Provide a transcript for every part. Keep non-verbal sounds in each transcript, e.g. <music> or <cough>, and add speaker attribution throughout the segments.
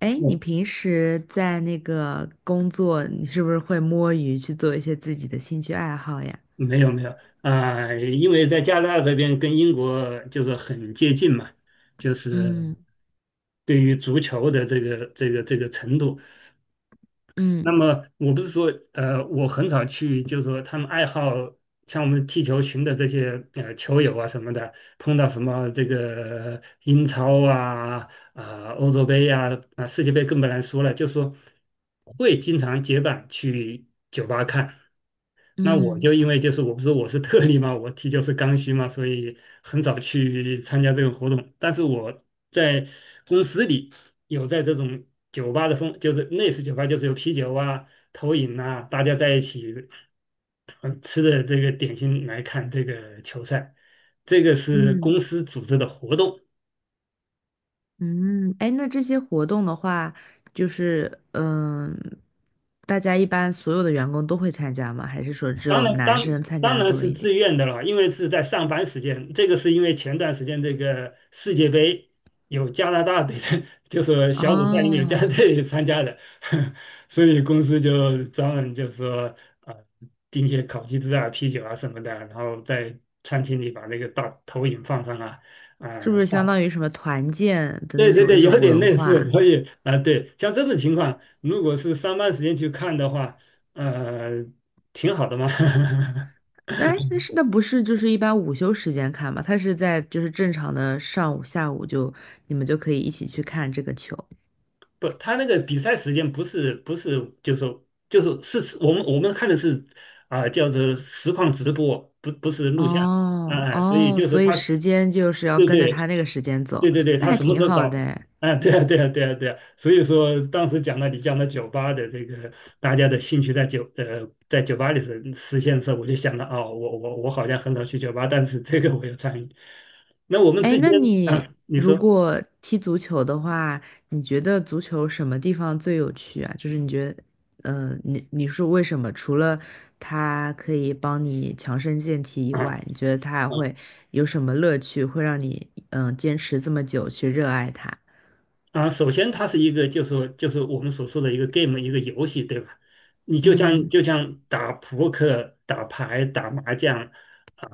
Speaker 1: 哎，你
Speaker 2: 嗯，
Speaker 1: 平时在那个工作，你是不是会摸鱼去做一些自己的兴趣爱好呀？
Speaker 2: 没有没有，啊、因为在加拿大这边跟英国就是很接近嘛，就是
Speaker 1: 嗯，
Speaker 2: 对于足球的这个程度。
Speaker 1: 嗯，
Speaker 2: 那么我不是说，我很少去，就是说他们爱好像我们踢球群的这些球友啊什么的，碰到什么这个英超啊、欧洲杯呀啊、世界杯更不能说了，就说会经常结伴去酒吧看。那我
Speaker 1: 嗯，
Speaker 2: 就因为就是我不是我是特例嘛，我踢球是刚需嘛，所以很少去参加这个活动。但是我在公司里有在这种酒吧的风，就是类似酒吧，就是有啤酒啊、投影啊，大家在一起吃的这个点心来看这个球赛，这个是
Speaker 1: 嗯，
Speaker 2: 公司组织的活动。
Speaker 1: 嗯。哎，那这些活动的话，就是大家一般所有的员工都会参加吗？还是说只
Speaker 2: 当
Speaker 1: 有
Speaker 2: 然，
Speaker 1: 男生参
Speaker 2: 当
Speaker 1: 加的
Speaker 2: 然
Speaker 1: 多
Speaker 2: 是
Speaker 1: 一
Speaker 2: 自
Speaker 1: 点？
Speaker 2: 愿的了，因为是在上班时间。这个是因为前段时间这个世界杯有加拿大队的，就是小组赛里面有加拿大
Speaker 1: 哦，
Speaker 2: 队参加的，<laughs> 所以公司就专门就说呃订些烤鸡翅啊、啤酒啊什么的，然后在餐厅里把那个大投影放上啊，啊、
Speaker 1: 是不是相
Speaker 2: 大
Speaker 1: 当于什么团建的
Speaker 2: 对
Speaker 1: 那
Speaker 2: 对
Speaker 1: 种一
Speaker 2: 对，有
Speaker 1: 种
Speaker 2: 点
Speaker 1: 文
Speaker 2: 类似。
Speaker 1: 化？
Speaker 2: 所以啊、对，像这种情况，如果是上班时间去看的话，呃，挺好的嘛。<laughs>
Speaker 1: 哎，那不是就是一般午休时间看嘛？他是在就是正常的上午、下午就你们就可以一起去看这个球。
Speaker 2: 不，他那个比赛时间不是，就是说就是是我们看的是啊、叫做实况直播，不是录像，
Speaker 1: 哦
Speaker 2: 哎、所以
Speaker 1: 哦，
Speaker 2: 就是
Speaker 1: 所以
Speaker 2: 他，
Speaker 1: 时间就是要
Speaker 2: 对
Speaker 1: 跟着
Speaker 2: 对
Speaker 1: 他那个时间走，
Speaker 2: 对对，
Speaker 1: 那
Speaker 2: 他
Speaker 1: 还
Speaker 2: 什么时
Speaker 1: 挺
Speaker 2: 候
Speaker 1: 好的
Speaker 2: 搞？
Speaker 1: 诶。
Speaker 2: 啊，对啊,所以说当时讲了你讲了酒吧的这个大家的兴趣在酒吧里实现的时候，我就想到哦，我好像很少去酒吧，但是这个我有参与。那我们之
Speaker 1: 哎，
Speaker 2: 前
Speaker 1: 那你
Speaker 2: 啊，你
Speaker 1: 如
Speaker 2: 说
Speaker 1: 果踢足球的话，你觉得足球什么地方最有趣啊？就是你觉得，你说为什么？除了它可以帮你强身健体以
Speaker 2: 啊。
Speaker 1: 外，你觉得它还
Speaker 2: 啊
Speaker 1: 会有什么乐趣，会让你坚持这么久去热爱它？
Speaker 2: 首先它是一个，就是说就是我们所说的一个 game,一个游戏，对吧？你
Speaker 1: 嗯，
Speaker 2: 就像打扑克、打牌、打麻将，啊、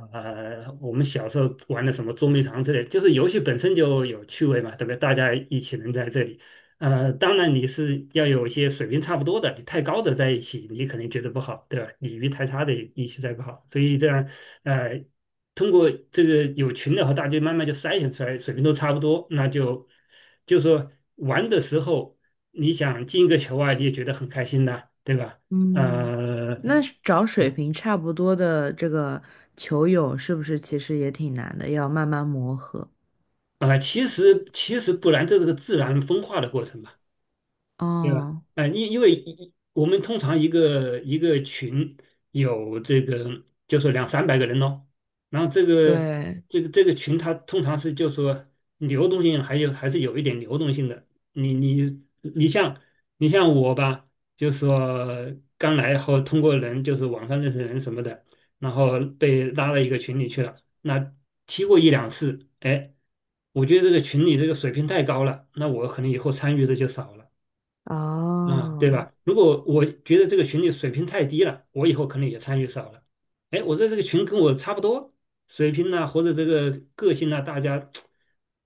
Speaker 2: 我们小时候玩的什么捉迷藏之类，就是游戏本身就有趣味嘛，对不对？大家一起能在这里，当然你是要有一些水平差不多的，你太高的在一起，你肯定觉得不好，对吧？你鱼太差的一起在不好，所以这样，呃。通过这个有群的和大家慢慢就筛选出来，水平都差不多，那就就说玩的时候，你想进一个球啊，你也觉得很开心的，对吧？
Speaker 1: 嗯，
Speaker 2: 呃，
Speaker 1: 那是找水平差不多的这个球友，是不是其实也挺难的，要慢慢磨合？
Speaker 2: 啊、其实不然，这是个自然分化的过程嘛。对吧？
Speaker 1: 哦，
Speaker 2: 因为一我们通常一个群有这个，就说两三百个人咯，然后
Speaker 1: 对，
Speaker 2: 这个群，它通常是就说流动性还是有一点流动性的。你你你像你像我吧，就说刚来后通过人就是网上认识人什么的，然后被拉到一个群里去了，那踢过一两次，哎，我觉得这个群里这个水平太高了，那我可能以后参与的就少了。啊，对
Speaker 1: 哦。
Speaker 2: 吧？如果我觉得这个群里水平太低了，我以后可能也参与少了。哎，我在这个群跟我差不多水平呐、或者这个个性呐、大家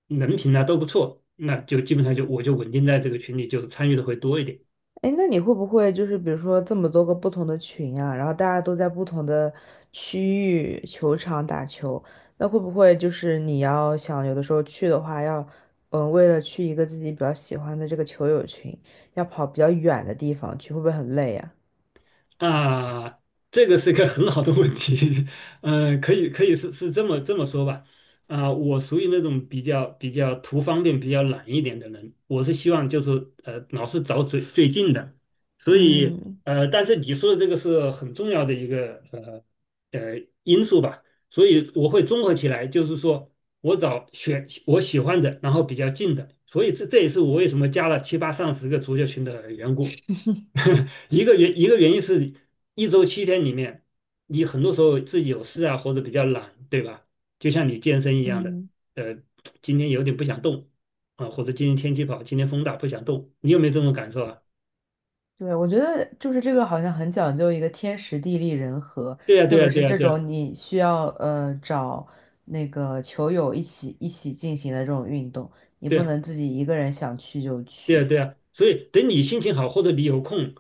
Speaker 2: 人品呐、都不错，那就基本上就我就稳定在这个群里，就参与的会多一点。
Speaker 1: 哎，那你会不会就是比如说这么多个不同的群啊，然后大家都在不同的区域球场打球，那会不会就是你要想有的时候去的话要，嗯，为了去一个自己比较喜欢的这个球友群，要跑比较远的地方去，会不会很累呀？
Speaker 2: 啊，这个是个很好的问题，<laughs> 嗯、可以是这么说吧，啊、我属于那种比较图方便、比较懒一点的人，我是希望就是老是找最近的，所以
Speaker 1: 嗯，
Speaker 2: 但是你说的这个是很重要的一个因素吧，所以我会综合起来，就是说我找选我喜欢的，然后比较近的，所以这这也是我为什么加了七八上十个足球群的缘故。<laughs> 一个原因是一周七天里面，你很多时候自己有事啊，或者比较懒，对吧？就像你健身一样的，
Speaker 1: 嗯。
Speaker 2: 呃，今天有点不想动啊，或者今天天气不好，今天风大不想动，你有没有这种感受啊？
Speaker 1: 对，我觉得就是这个好像很讲究一个天时地利人和，
Speaker 2: 对呀，对
Speaker 1: 特
Speaker 2: 呀，
Speaker 1: 别
Speaker 2: 对
Speaker 1: 是
Speaker 2: 呀，
Speaker 1: 这
Speaker 2: 对呀，
Speaker 1: 种你需要找那个球友一起进行的这种运动，你
Speaker 2: 对
Speaker 1: 不
Speaker 2: 呀，
Speaker 1: 能自己一个人想去就
Speaker 2: 对呀，
Speaker 1: 去，
Speaker 2: 对呀。所以等你心情好，或者你有空，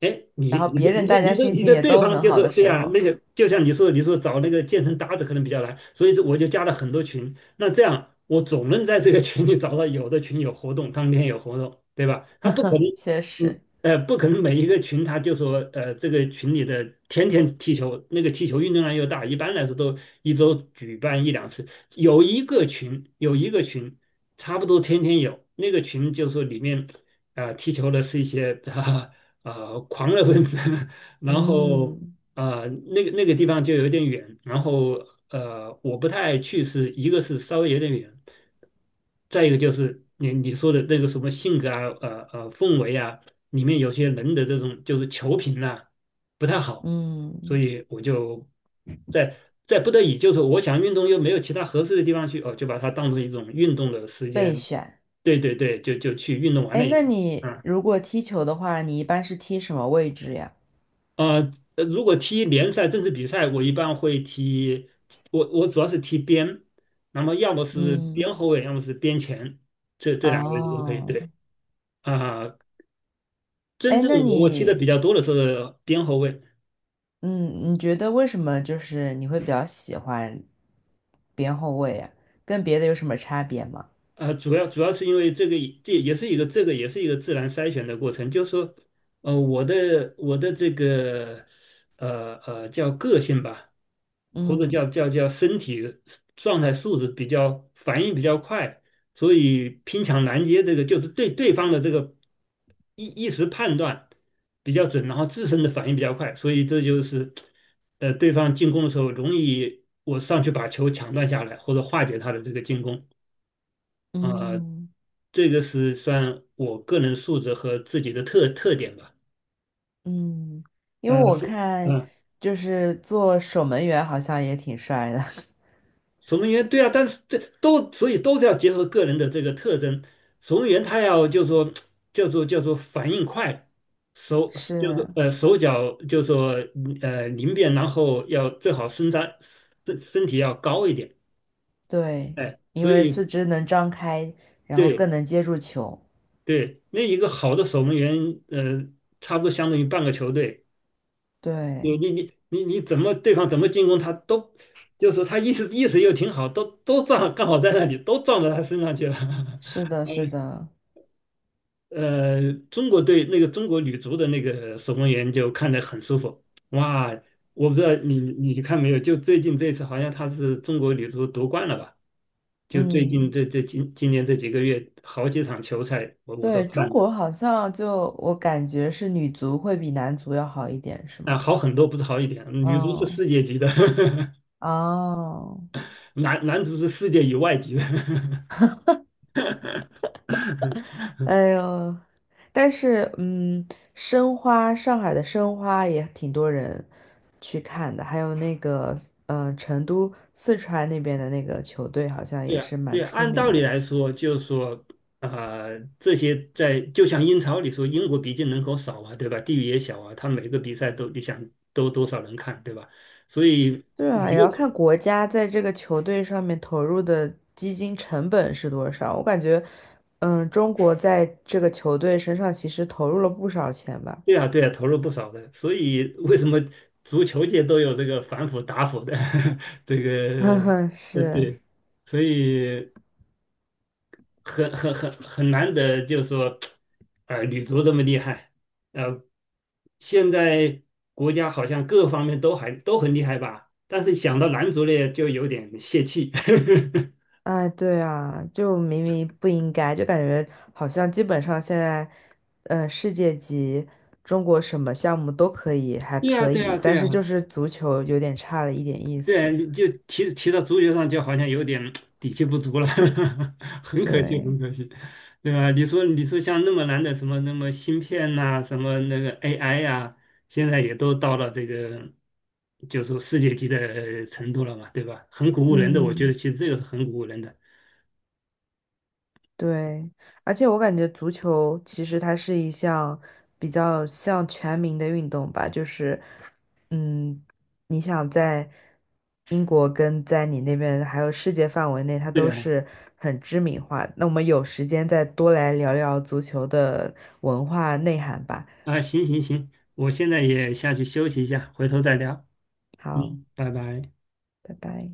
Speaker 2: 哎，你
Speaker 1: 然后
Speaker 2: 你
Speaker 1: 别
Speaker 2: 的
Speaker 1: 人
Speaker 2: 你的
Speaker 1: 大家
Speaker 2: 你的
Speaker 1: 心
Speaker 2: 你
Speaker 1: 情
Speaker 2: 的
Speaker 1: 也
Speaker 2: 对
Speaker 1: 都
Speaker 2: 方
Speaker 1: 很
Speaker 2: 就
Speaker 1: 好
Speaker 2: 是
Speaker 1: 的
Speaker 2: 对
Speaker 1: 时
Speaker 2: 啊，
Speaker 1: 候，
Speaker 2: 那个就像你说找那个健身搭子可能比较难，所以这我就加了很多群。那这样我总能在这个群里找到有的群有活动，当天有活动，对吧？他不可
Speaker 1: <laughs>
Speaker 2: 能，
Speaker 1: 确实，
Speaker 2: 不可能每一个群他就说这个群里的天天踢球，那个踢球运动量又大，一般来说都一周举办一两次。有一个群差不多天天有，那个群就说里面。踢球的是一些<laughs> 狂热分子，<laughs> 然后
Speaker 1: 嗯，
Speaker 2: 那个地方就有点远，然后我不太爱去是，一个是稍微有点远，再一个就是你说的那个什么性格啊，氛围啊，里面有些人的这种就是球品呐不太好，所
Speaker 1: 嗯，
Speaker 2: 以我就在不得已，就是我想运动又没有其他合适的地方去，哦，就把它当成一种运动的时
Speaker 1: 备
Speaker 2: 间，
Speaker 1: 选。
Speaker 2: 对对对，就去运动完
Speaker 1: 哎，
Speaker 2: 了。
Speaker 1: 那
Speaker 2: 以。
Speaker 1: 你
Speaker 2: 嗯，
Speaker 1: 如果踢球的话，你一般是踢什么位置呀？
Speaker 2: 如果踢联赛正式比赛，我一般会踢，我主要是踢边，那么要么是
Speaker 1: 嗯，
Speaker 2: 边后卫，要么是边前，这这两个位置都可以。
Speaker 1: 哦。
Speaker 2: 对啊、真
Speaker 1: 哎，
Speaker 2: 正
Speaker 1: 那
Speaker 2: 我踢的比
Speaker 1: 你
Speaker 2: 较多的是边后卫，
Speaker 1: 嗯，你觉得为什么就是你会比较喜欢边后卫啊？跟别的有什么差别吗？
Speaker 2: 主要是因为这个也这个也是一个自然筛选的过程，就是说，我的这个叫个性吧，或者
Speaker 1: 嗯，
Speaker 2: 叫身体状态素质比较反应比较快，所以拼抢拦截这个就是对对方的这个一时判断比较准，然后自身的反应比较快，所以这就是对方进攻的时候容易我上去把球抢断下来或者化解他的这个进攻。啊、
Speaker 1: 嗯，
Speaker 2: 这个是算我个人素质和自己的特点吧。
Speaker 1: 嗯，因为
Speaker 2: 呃，
Speaker 1: 我
Speaker 2: 所
Speaker 1: 看
Speaker 2: 呃，
Speaker 1: 就是做守门员好像也挺帅的，
Speaker 2: 守门员对啊，但是这都所以都是要结合个人的这个特征。守门员他要就说叫做反应快，
Speaker 1: <laughs>
Speaker 2: 手就
Speaker 1: 是，
Speaker 2: 是手脚就说灵便，然后要最好身体要高一点。
Speaker 1: 对，
Speaker 2: 哎，
Speaker 1: 因
Speaker 2: 所
Speaker 1: 为
Speaker 2: 以
Speaker 1: 四肢能张开，然后
Speaker 2: 对
Speaker 1: 更能接住球。
Speaker 2: 对，那一个好的守门员，差不多相当于半个球队。你
Speaker 1: 对，
Speaker 2: 你你你你怎么对方怎么进攻他都，就是说他意识又挺好，都撞刚好在那里都撞到他身上去了。
Speaker 1: 是
Speaker 2: <laughs>
Speaker 1: 的，
Speaker 2: 呃
Speaker 1: 是的，
Speaker 2: 中国队那个中国女足的那个守门员就看得很舒服。哇，我不知道你看没有？就最近这次好像她是中国女足夺冠了吧？就最近
Speaker 1: 嗯，
Speaker 2: 今年这几个月好几场球赛我都
Speaker 1: 对，中
Speaker 2: 看了。
Speaker 1: 国好像就我感觉是女足会比男足要好一点，是
Speaker 2: 啊，
Speaker 1: 吗？
Speaker 2: 好很多，不是好一点。女足是
Speaker 1: 嗯。
Speaker 2: 世界级的，<laughs>
Speaker 1: 哦，
Speaker 2: 男足是世界以外级的。<laughs>
Speaker 1: 哎呦。但是申花，上海的申花也挺多人去看的，还有那个成都四川那边的那个球队好像
Speaker 2: 对
Speaker 1: 也
Speaker 2: 啊，
Speaker 1: 是
Speaker 2: 对
Speaker 1: 蛮
Speaker 2: 啊，
Speaker 1: 出
Speaker 2: 按道
Speaker 1: 名
Speaker 2: 理
Speaker 1: 的。
Speaker 2: 来说，就是说，啊，这些在就像英超里说，英国毕竟人口少啊，对吧？地域也小啊，他每个比赛都你想都多少人看，对吧？所以
Speaker 1: 对
Speaker 2: 每
Speaker 1: 啊，
Speaker 2: 一
Speaker 1: 也要
Speaker 2: 个
Speaker 1: 看国家在这个球队上面投入的基金成本是多少。我感觉，中国在这个球队身上其实投入了不少钱吧。
Speaker 2: 对啊，对啊，投入不少的。所以为什么足球界都有这个反腐打腐的 <laughs> 这
Speaker 1: <laughs>
Speaker 2: 个
Speaker 1: 嗯，是。
Speaker 2: 对，所以很难得，就是说，女足这么厉害，呃，现在国家好像各方面都还都很厉害吧，但是想到男足呢，就有点泄气。<laughs>
Speaker 1: 哎，对啊，就明明不应该，就感觉好像基本上现在，世界级中国什么项目都可以，还
Speaker 2: 对呀，
Speaker 1: 可
Speaker 2: 对呀，
Speaker 1: 以，
Speaker 2: 对
Speaker 1: 但
Speaker 2: 呀，
Speaker 1: 是就是足球有点差了一点意
Speaker 2: 对，
Speaker 1: 思。
Speaker 2: 你就提到足球上，就好像有点底气不足了，<laughs> 很可惜，
Speaker 1: 对，
Speaker 2: 很可惜，对吧？你说像那么难的什么那么芯片呐、什么那个 AI 呀、现在也都到了这个，就是说世界级的程度了嘛，对吧？很鼓舞人的，我觉得
Speaker 1: 嗯。
Speaker 2: 其实这个是很鼓舞人的。
Speaker 1: 对，而且我感觉足球其实它是一项比较像全民的运动吧，就是，嗯，你想在英国跟在你那边还有世界范围内，它
Speaker 2: 对
Speaker 1: 都
Speaker 2: 啊，
Speaker 1: 是很知名化。那我们有时间再多来聊聊足球的文化内涵吧。
Speaker 2: 啊，行行行，我现在也下去休息一下，回头再聊。
Speaker 1: 好，
Speaker 2: 嗯，拜拜。
Speaker 1: 拜拜。